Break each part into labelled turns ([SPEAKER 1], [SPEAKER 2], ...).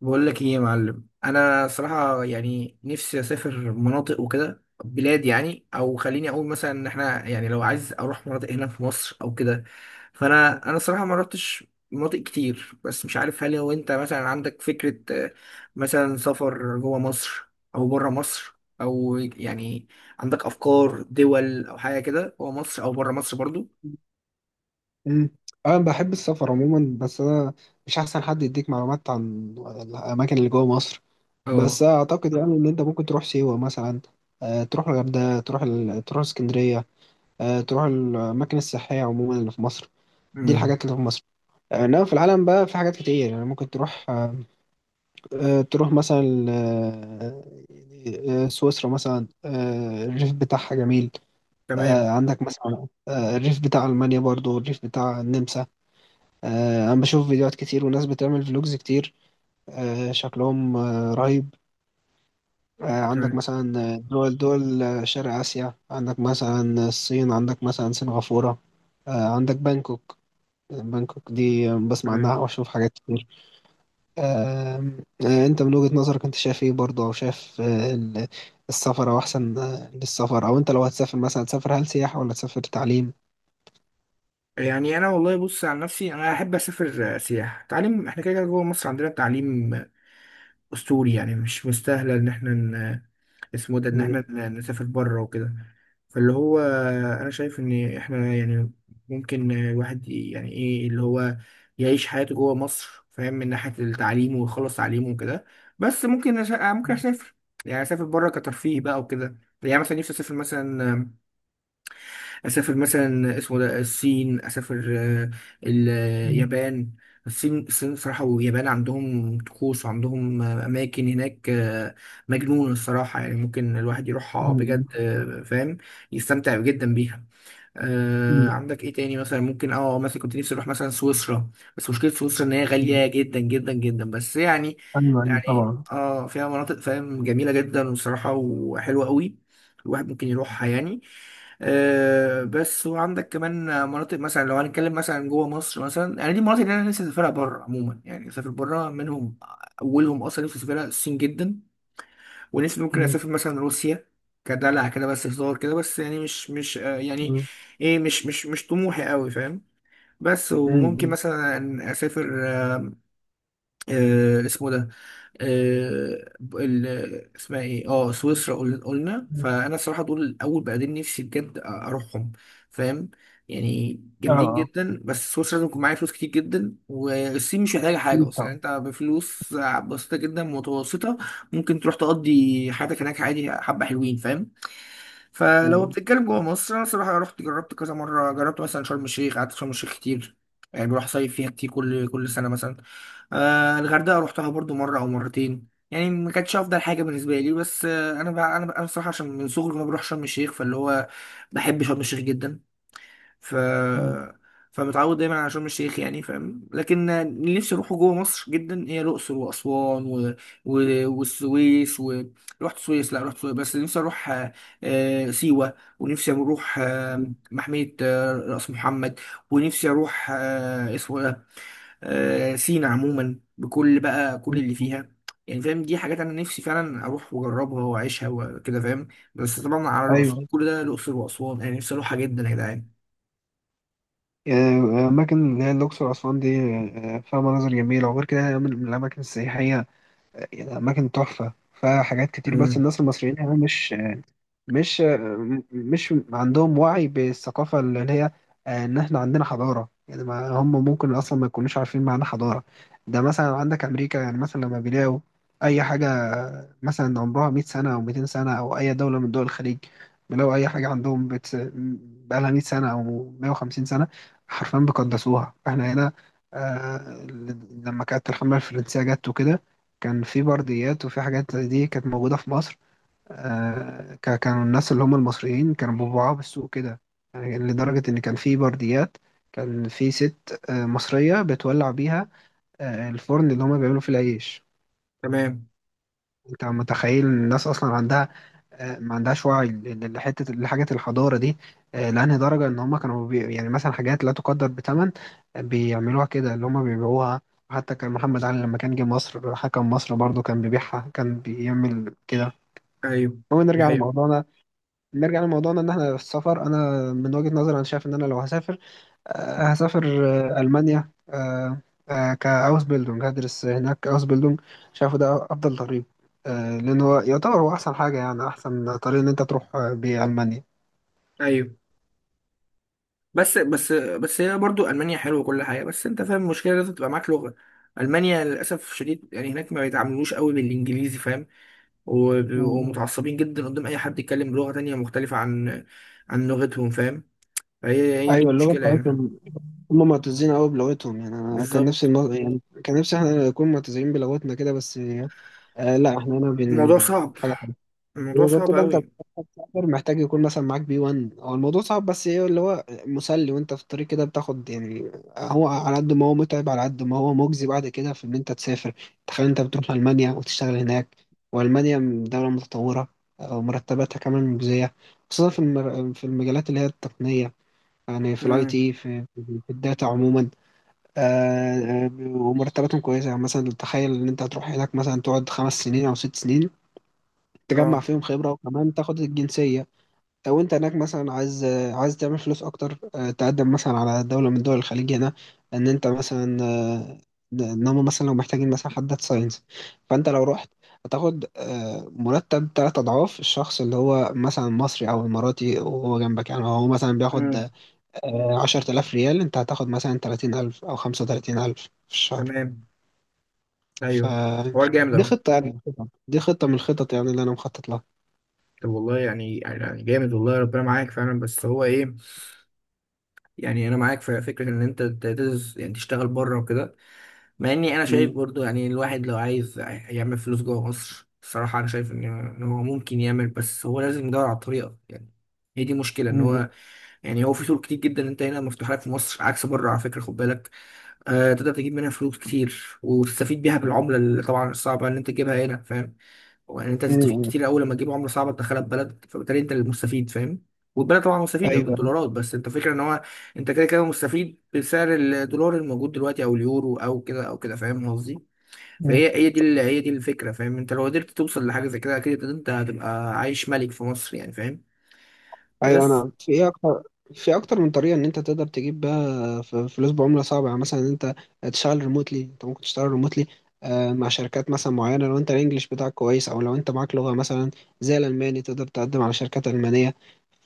[SPEAKER 1] بقول لك ايه يا معلم، انا صراحه يعني نفسي اسافر مناطق وكده، بلاد يعني. او خليني اقول مثلا ان احنا يعني لو عايز اروح مناطق هنا في مصر او كده. فانا صراحه ما رحتش مناطق كتير، بس مش عارف. هل لو انت مثلا عندك فكره آه، مثلا سفر جوه مصر او بره مصر، او يعني عندك افكار دول او حاجه كده جوه مصر او بره مصر برضو؟
[SPEAKER 2] مم. انا بحب السفر عموما، بس انا مش احسن حد يديك معلومات عن الاماكن اللي جوه مصر. بس
[SPEAKER 1] اه.
[SPEAKER 2] اعتقد يعني ان انت ممكن تروح سيوه مثلا، تروح الغردقه، تروح تروح اسكندريه، تروح الاماكن السياحيه عموما اللي في مصر. دي
[SPEAKER 1] امم.
[SPEAKER 2] الحاجات اللي في مصر. انما في العالم بقى في حاجات كتير، يعني ممكن تروح مثلا سويسرا مثلا. الريف بتاعها جميل.
[SPEAKER 1] تمام.
[SPEAKER 2] عندك مثلا الريف بتاع المانيا، برضو الريف بتاع النمسا. انا بشوف فيديوهات كتير وناس بتعمل فلوجز كتير، شكلهم رهيب.
[SPEAKER 1] تمام.
[SPEAKER 2] عندك مثلا دول شرق آسيا. عندك مثلا الصين، عندك مثلا سنغافورة، عندك بانكوك. بانكوك دي بسمع عنها
[SPEAKER 1] تمام.
[SPEAKER 2] وأشوف حاجات كتير. آم، آه، أنت من وجهة نظرك أنت شايف إيه برضه، أو شايف السفر أو أحسن للسفر، أو أنت لو هتسافر مثلا هتسافر، هل سياحة ولا تسافر تعليم؟
[SPEAKER 1] يعني انا والله بص، عن نفسي انا احب اسافر سياحه تعليم. احنا كده كده جوه مصر عندنا التعليم اسطوري، يعني مش مستاهله ان احنا اسمه إيه ده، ان
[SPEAKER 2] مم.
[SPEAKER 1] احنا نسافر بره وكده. فاللي هو انا شايف ان احنا يعني ممكن الواحد يعني ايه اللي هو يعيش حياته جوه مصر، فاهم، من ناحيه التعليم ويخلص تعليمه وكده. بس ممكن أش... آه، ممكن اسافر، يعني اسافر بره كترفيه بقى وكده. يعني مثلا نفسي اسافر مثلا اسمه ده الصين، اسافر
[SPEAKER 2] مم.
[SPEAKER 1] اليابان. الصين الصين صراحة واليابان عندهم طقوس، وعندهم أماكن هناك مجنونة الصراحة، يعني ممكن الواحد يروحها
[SPEAKER 2] مم.
[SPEAKER 1] بجد فاهم، يستمتع جدا بيها.
[SPEAKER 2] مم.
[SPEAKER 1] عندك ايه تاني مثلا؟ ممكن مثلا كنت نفسي اروح مثلا سويسرا. بس مشكله سويسرا ان هي
[SPEAKER 2] مم.
[SPEAKER 1] غاليه جدا جدا جدا، بس يعني،
[SPEAKER 2] أيوه، أيوه،
[SPEAKER 1] يعني
[SPEAKER 2] طبعا.
[SPEAKER 1] فيها مناطق، فاهم، جميله جدا وصراحه وحلوه قوي، الواحد ممكن يروحها يعني. بس وعندك كمان مناطق. مثلا لو هنتكلم مثلا جوه مصر، مثلا يعني دي المناطق اللي انا نفسي اسافرها بره عموما، يعني اسافر بره منهم. اولهم اصلا نفسي اسافرها الصين جدا، ونفسي ممكن
[SPEAKER 2] مم.
[SPEAKER 1] اسافر مثلا روسيا، كدلع كده، بس هزار كده. بس يعني مش مش آه، يعني
[SPEAKER 2] مم.
[SPEAKER 1] ايه، مش طموحي قوي، فاهم. بس وممكن
[SPEAKER 2] امم.
[SPEAKER 1] مثلا اسافر اسمه ده آه، ال- اسمها ايه سويسرا، قلنا.
[SPEAKER 2] امم.
[SPEAKER 1] فانا الصراحه دول اول بلدين نفسي بجد اروحهم، فاهم. يعني
[SPEAKER 2] آه،
[SPEAKER 1] جامدين
[SPEAKER 2] آه،
[SPEAKER 1] جدا. بس سويسرا لازم يكون معايا فلوس كتير جدا، والصين مش محتاجه حاجه
[SPEAKER 2] أكيد
[SPEAKER 1] اصلا، يعني
[SPEAKER 2] طبعًا.
[SPEAKER 1] انت بفلوس بسيطه جدا متوسطه ممكن تروح تقضي حياتك هناك عادي، حبه حلوين، فاهم. فلو
[SPEAKER 2] امم.
[SPEAKER 1] بتتكلم جوه مصر، انا الصراحه رحت جربت كذا مره. جربت مثلا شرم الشيخ، قعدت في شرم الشيخ كتير، يعني بروح صيف فيها كتير كل سنه مثلا. الغردقه روحتها برضو مره او مرتين، يعني ما كانتش افضل حاجه بالنسبه لي. بس انا بقى بصراحه، عشان من صغري وانا بروح شرم الشيخ، فاللي هو بحب شرم الشيخ جدا. ف
[SPEAKER 2] امم.
[SPEAKER 1] فمتعود دايما على شرم الشيخ، يعني فاهم. لكن اللي نفسي اروحه جوه مصر جدا هي الاقصر واسوان والسويس رحت السويس، لا رحت السويس. بس نفسي اروح سيوه، ونفسي اروح
[SPEAKER 2] امم.
[SPEAKER 1] محميه راس محمد، ونفسي اروح اسمه سينا عموما، بكل بقى كل اللي
[SPEAKER 2] امم.
[SPEAKER 1] فيها، يعني فاهم. دي حاجات انا نفسي فعلا اروح واجربها واعيشها وكده، فاهم. بس طبعا على رأس
[SPEAKER 2] أيوه.
[SPEAKER 1] كل ده الاقصر واسوان انا نفسي اروحها جدا يا جدعان.
[SPEAKER 2] آآ، أماكن اللي هي الأقصر وأسوان دي فيها مناظر جميلة، وغير كده هي من الأماكن السياحية. أماكن تحفة، فيها حاجات كتير، بس
[SPEAKER 1] امم.
[SPEAKER 2] الناس المصريين هنا مش مش عندهم وعي بالثقافة اللي هي إن إحنا عندنا حضارة. يعني ما هم ممكن أصلا ما يكونوش عارفين معنى حضارة. ده مثلا عندك أمريكا، يعني مثلا لما بيلاقوا أي حاجة مثلا عمرها 100 سنة أو 200 سنة، أو أي دولة من دول الخليج بيلاقوا أي حاجة عندهم بقالها 100 سنة أو 150 سنة، حرفيا بيقدسوها. إحنا هنا آه لما كانت الحملة الفرنسية جت وكده، كان في برديات وفي حاجات زي دي كانت موجودة في مصر. كانوا الناس اللي هم المصريين كانوا بيبيعوها بالسوق كده، يعني لدرجة إن كان في برديات. كان في ست مصرية بتولع بيها الفرن اللي هم بيعملوا فيه العيش.
[SPEAKER 1] تمام.
[SPEAKER 2] أنت متخيل إن الناس أصلا عندها ما عندهاش وعي ل- لحتة لحاجة الحضارة دي، لأنهي درجة إن هم كانوا يعني مثلا حاجات لا تقدر بثمن، بيعملوها كده اللي هم بيبيعوها. حتى كان محمد علي لما كان جه مصر حكم مصر برضه كان بيبيعها، كان بيعمل كده.
[SPEAKER 1] ايوه.
[SPEAKER 2] المهم،
[SPEAKER 1] دي حقيقة.
[SPEAKER 2] نرجع لموضوعنا ان احنا في السفر. انا من وجهة نظري انا شايف ان انا لو هسافر المانيا. كاوس بيلدونج هدرس هناك اوس بيلدونج. شايفه ده افضل طريق، لان هو يعتبر هو احسن حاجه، يعني احسن طريق ان انت تروح بيه المانيا.
[SPEAKER 1] ايوه، بس هي برضو المانيا حلوه وكل حاجه. بس انت فاهم المشكله، لازم تبقى معاك لغه. المانيا للاسف الشديد يعني هناك ما بيتعاملوش قوي بالانجليزي، فاهم. وبيبقوا
[SPEAKER 2] مم.
[SPEAKER 1] متعصبين جدا قدام اي حد يتكلم بلغه تانية مختلفه عن لغتهم، فاهم. فهي هي دي
[SPEAKER 2] ايوه، اللغه
[SPEAKER 1] المشكله، يعني
[SPEAKER 2] بتاعتهم هم معتزين قوي بلغتهم. يعني انا كان نفسي
[SPEAKER 1] بالظبط.
[SPEAKER 2] يعني كان نفسي احنا نكون معتزين بلغتنا كده، بس لا، احنا هنا
[SPEAKER 1] الموضوع صعب.
[SPEAKER 2] حاجه. زي
[SPEAKER 1] الموضوع
[SPEAKER 2] ما قلت
[SPEAKER 1] صعب
[SPEAKER 2] بقى، انت
[SPEAKER 1] أوي.
[SPEAKER 2] بتسافر محتاج يكون مثلا معاك B1. هو الموضوع صعب، بس ايه اللي هو مسلي وانت في الطريق كده بتاخد يعني، هو على قد ما هو متعب، على قد ما هو مجزي بعد كده، في ان انت تسافر. تخيل انت بتروح المانيا وتشتغل هناك، والمانيا دولة متطورة. ومرتباتها كمان مجزية، خصوصا في في المجالات اللي هي التقنية، يعني في الاي
[SPEAKER 1] امم.
[SPEAKER 2] تي، في الداتا عموما. آه، ومرتباتهم كويسة. يعني مثلا تخيل ان انت هتروح هناك، مثلا تقعد 5 سنين او 6 سنين،
[SPEAKER 1] اه.
[SPEAKER 2] تجمع فيهم خبرة وكمان تاخد الجنسية. لو انت هناك مثلا عايز تعمل فلوس اكتر، تقدم مثلا على دولة من دول الخليج هنا، ان انت مثلا ان هم مثلا لو محتاجين مثلا حد داتا ساينس. فانت لو رحت هتاخد مرتب 3 اضعاف الشخص اللي هو مثلا مصري او اماراتي وهو جنبك. يعني هو مثلا بياخد
[SPEAKER 1] امم.
[SPEAKER 2] 10,000 ريال، انت هتاخد مثلا 30,000 او 35,000 في الشهر.
[SPEAKER 1] تمام. أيوه. حوار جامد
[SPEAKER 2] فدي
[SPEAKER 1] أوي.
[SPEAKER 2] خطة يعني، دي خطة من الخطط يعني اللي انا مخطط لها.
[SPEAKER 1] طب والله، يعني جامد، والله ربنا معاك فعلا. بس هو إيه، يعني أنا معاك في فكرة إن أنت تدرس يعني تشتغل بره وكده. مع إني أنا شايف برضو يعني الواحد لو عايز يعمل فلوس جوه مصر، الصراحة أنا شايف إن هو ممكن يعمل. بس هو لازم يدور على الطريقة يعني. هي دي مشكلة إن
[SPEAKER 2] مم.
[SPEAKER 1] هو، يعني هو في طرق كتير جدا أنت هنا مفتوحة لك في مصر، عكس بره، على فكرة خد بالك، تقدر تجيب منها فلوس كتير وتستفيد بيها، بالعملة اللي طبعا الصعبة ان انت تجيبها هنا، فاهم. وان انت تستفيد
[SPEAKER 2] مم.
[SPEAKER 1] كتير، اول لما تجيب عملة صعبة تدخلها ببلد، فبالتالي انت المستفيد، فاهم. والبلد طبعا مستفيدة
[SPEAKER 2] ايوه.
[SPEAKER 1] بالدولارات، بس انت فكرة ان هو انت كده كده مستفيد بسعر الدولار الموجود دلوقتي، او اليورو او كده او كده، فاهم قصدي.
[SPEAKER 2] مم.
[SPEAKER 1] فهي هي دي الفكرة، فاهم. انت لو قدرت توصل لحاجة زي كده، اكيد انت هتبقى عايش ملك في مصر، يعني فاهم.
[SPEAKER 2] ايوه،
[SPEAKER 1] بس
[SPEAKER 2] انا في ايه اكتر، في اكتر من طريقه ان انت تقدر تجيب بقى فلوس بعمله صعبه، يعني مثلا ان انت تشتغل ريموتلي. انت ممكن تشتغل ريموتلي مع شركات مثلا معينه لو انت الانجليش بتاعك كويس، او لو انت معاك لغه مثلا زي الالماني تقدر تقدم على شركات المانيه.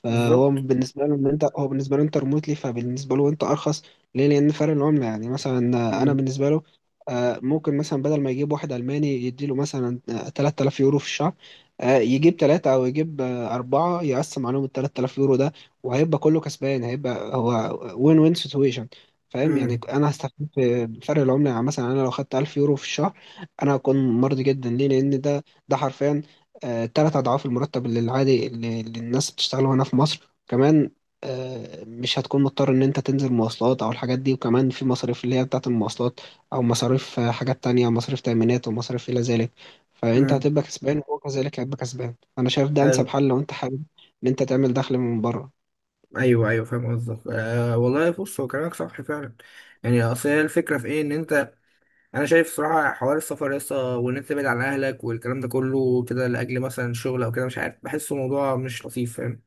[SPEAKER 2] فهو
[SPEAKER 1] بالظبط.
[SPEAKER 2] بالنسبة له إن أنت هو بالنسبة له أنت ريموتلي، فبالنسبة له أنت أرخص. ليه؟ لأن فرق العملة يعني مثلا. أنا
[SPEAKER 1] امم.
[SPEAKER 2] بالنسبة له، ممكن مثلا بدل ما يجيب واحد ألماني يديله مثلا 3000 يورو في الشهر، يجيب ثلاثة أو يجيب أربعة، يقسم عليهم ال 3000 يورو ده، وهيبقى كله كسبان، هيبقى هو وين وين سيتويشن. فاهم يعني،
[SPEAKER 1] امم.
[SPEAKER 2] أنا هستفيد في فرق العملة. يعني مثلا أنا لو خدت 1000 يورو في الشهر، أنا هكون مرضي جدا. ليه؟ لأن ده حرفيا 3 أضعاف المرتب اللي العادي اللي الناس بتشتغله هنا في مصر كمان. مش هتكون مضطر إن أنت تنزل مواصلات أو الحاجات دي، وكمان في مصاريف اللي هي بتاعة المواصلات أو مصاريف حاجات تانية، مصاريف تأمينات ومصاريف إلى ذلك. فأنت
[SPEAKER 1] امم.
[SPEAKER 2] هتبقى كسبان وهو كذلك هيبقى كسبان. أنا شايف ده أنسب حل لو أنت حابب إن أنت تعمل دخل من بره.
[SPEAKER 1] ايوه. ايوه، فاهم قصدك. أه والله بص، هو كلامك صح فعلا، يعني اصل هي الفكره في ايه ان انت، انا شايف صراحه حوار السفر لسه، وان انت تبعد عن اهلك والكلام ده كله كده لاجل مثلا شغل او كده، مش عارف، بحسه موضوع مش لطيف، فاهم.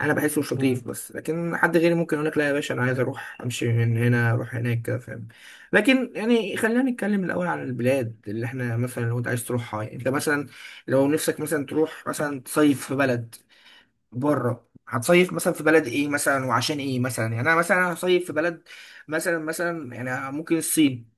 [SPEAKER 1] انا بحسه مش
[SPEAKER 2] مم.
[SPEAKER 1] لطيف. بس لكن حد غيري ممكن يقول لك لا يا باشا انا عايز اروح، امشي من هنا اروح هناك كده، فاهم. لكن يعني خلينا نتكلم الاول عن البلاد اللي احنا مثلا لو انت عايز تروحها. يعني انت مثلا لو نفسك مثلا تروح مثلا تصيف في بلد بره، هتصيف مثلا في بلد ايه مثلا، وعشان ايه مثلا؟ يعني انا مثلا هصيف في بلد مثلا يعني ممكن الصين،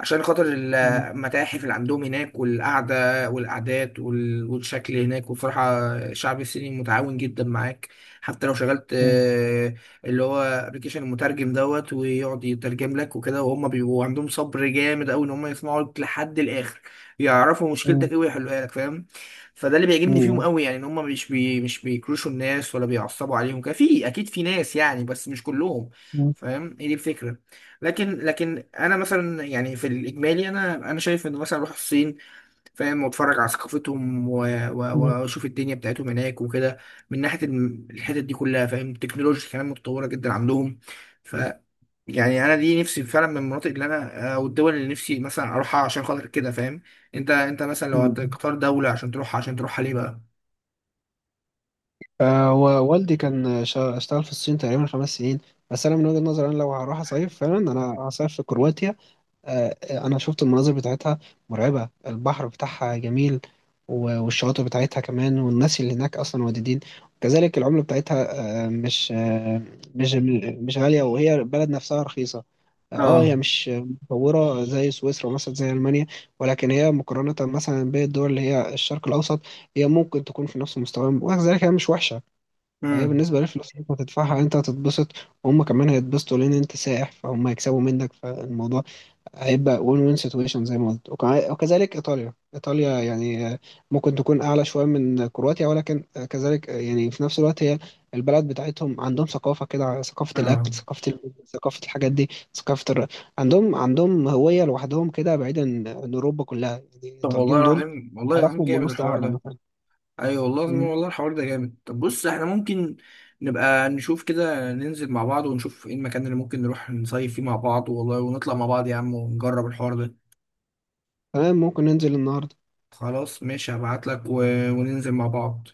[SPEAKER 1] عشان خاطر
[SPEAKER 2] مم.
[SPEAKER 1] المتاحف اللي عندهم هناك والقعدة والقعدات والشكل هناك، وبصراحة الشعب الصيني متعاون جدا معاك. حتى لو شغلت
[SPEAKER 2] مم.
[SPEAKER 1] اللي هو ابلكيشن المترجم دوت، ويقعد يترجم لك وكده، وهم بيبقوا عندهم صبر جامد قوي ان هم يسمعوا لك لحد الاخر، يعرفوا مشكلتك ايه ويحلوها لك، فاهم. فده اللي بيعجبني فيهم
[SPEAKER 2] مم.
[SPEAKER 1] قوي يعني، ان هم مش بيكروشوا الناس ولا بيعصبوا عليهم كده. في اكيد في ناس يعني، بس مش كلهم،
[SPEAKER 2] مم.
[SPEAKER 1] فاهم. هي دي الفكرة. لكن انا مثلا يعني في الاجمالي انا شايف ان مثلا اروح الصين، فاهم، واتفرج على ثقافتهم
[SPEAKER 2] مم.
[SPEAKER 1] واشوف الدنيا بتاعتهم هناك وكده، من ناحيه الحتت دي كلها، فاهم. التكنولوجيا كمان متطوره جدا عندهم. ف يعني انا دي نفسي فعلا من المناطق اللي انا او الدول اللي نفسي مثلا اروحها عشان خاطر كده، فاهم. انت مثلا لو
[SPEAKER 2] مم.
[SPEAKER 1] هتختار دوله عشان تروحها ليه بقى؟
[SPEAKER 2] ووالدي كان اشتغل في الصين تقريبا 5 سنين. بس انا من وجهة نظري، انا لو هروح اصيف فعلا، انا هصيف في كرواتيا. آه انا شفت المناظر بتاعتها مرعبة، البحر بتاعها جميل والشواطئ بتاعتها كمان، والناس اللي هناك اصلا ودودين، وكذلك العملة بتاعتها آه مش آه مش مش غالية، وهي البلد نفسها رخيصة. اه هي
[SPEAKER 1] اه.
[SPEAKER 2] مش متطورة زي سويسرا مثلا، زي ألمانيا، ولكن هي مقارنة مثلا بالدول اللي هي الشرق الأوسط، هي ممكن تكون في نفس المستوى، وكذلك هي مش وحشة. فهي
[SPEAKER 1] امم.
[SPEAKER 2] بالنسبة للفلوس اللي انت هتدفعها، انت هتتبسط وهم كمان هيتبسطوا، لان انت سائح فهم هيكسبوا منك، فالموضوع هيبقى وين وين سيتويشن زي ما قلت. وكذلك ايطاليا، ايطاليا يعني ممكن تكون اعلى شوية من كرواتيا، ولكن كذلك يعني في نفس الوقت هي البلد بتاعتهم عندهم ثقافة كده، ثقافة
[SPEAKER 1] اه.
[SPEAKER 2] الاكل، ثقافة ثقافة الحاجات دي، ثقافة الر... عندهم هوية لوحدهم كده، بعيدا عن اوروبا كلها، يعني
[SPEAKER 1] طب والله
[SPEAKER 2] الايطاليين دول
[SPEAKER 1] العظيم، والله العظيم
[SPEAKER 2] اعرفهم من
[SPEAKER 1] جامد
[SPEAKER 2] وسط
[SPEAKER 1] الحوار
[SPEAKER 2] قاعدة
[SPEAKER 1] ده.
[SPEAKER 2] مثلا.
[SPEAKER 1] ايوه والله العظيم،
[SPEAKER 2] مم.
[SPEAKER 1] والله الحوار ده جامد. طب بص، احنا ممكن نبقى نشوف كده، ننزل مع بعض ونشوف ايه المكان اللي ممكن نروح نصيف فيه مع بعض، والله، ونطلع مع بعض يا عم ونجرب الحوار ده.
[SPEAKER 2] تمام، ممكن ننزل النهاردة.
[SPEAKER 1] خلاص ماشي، هبعت لك و... وننزل مع بعض.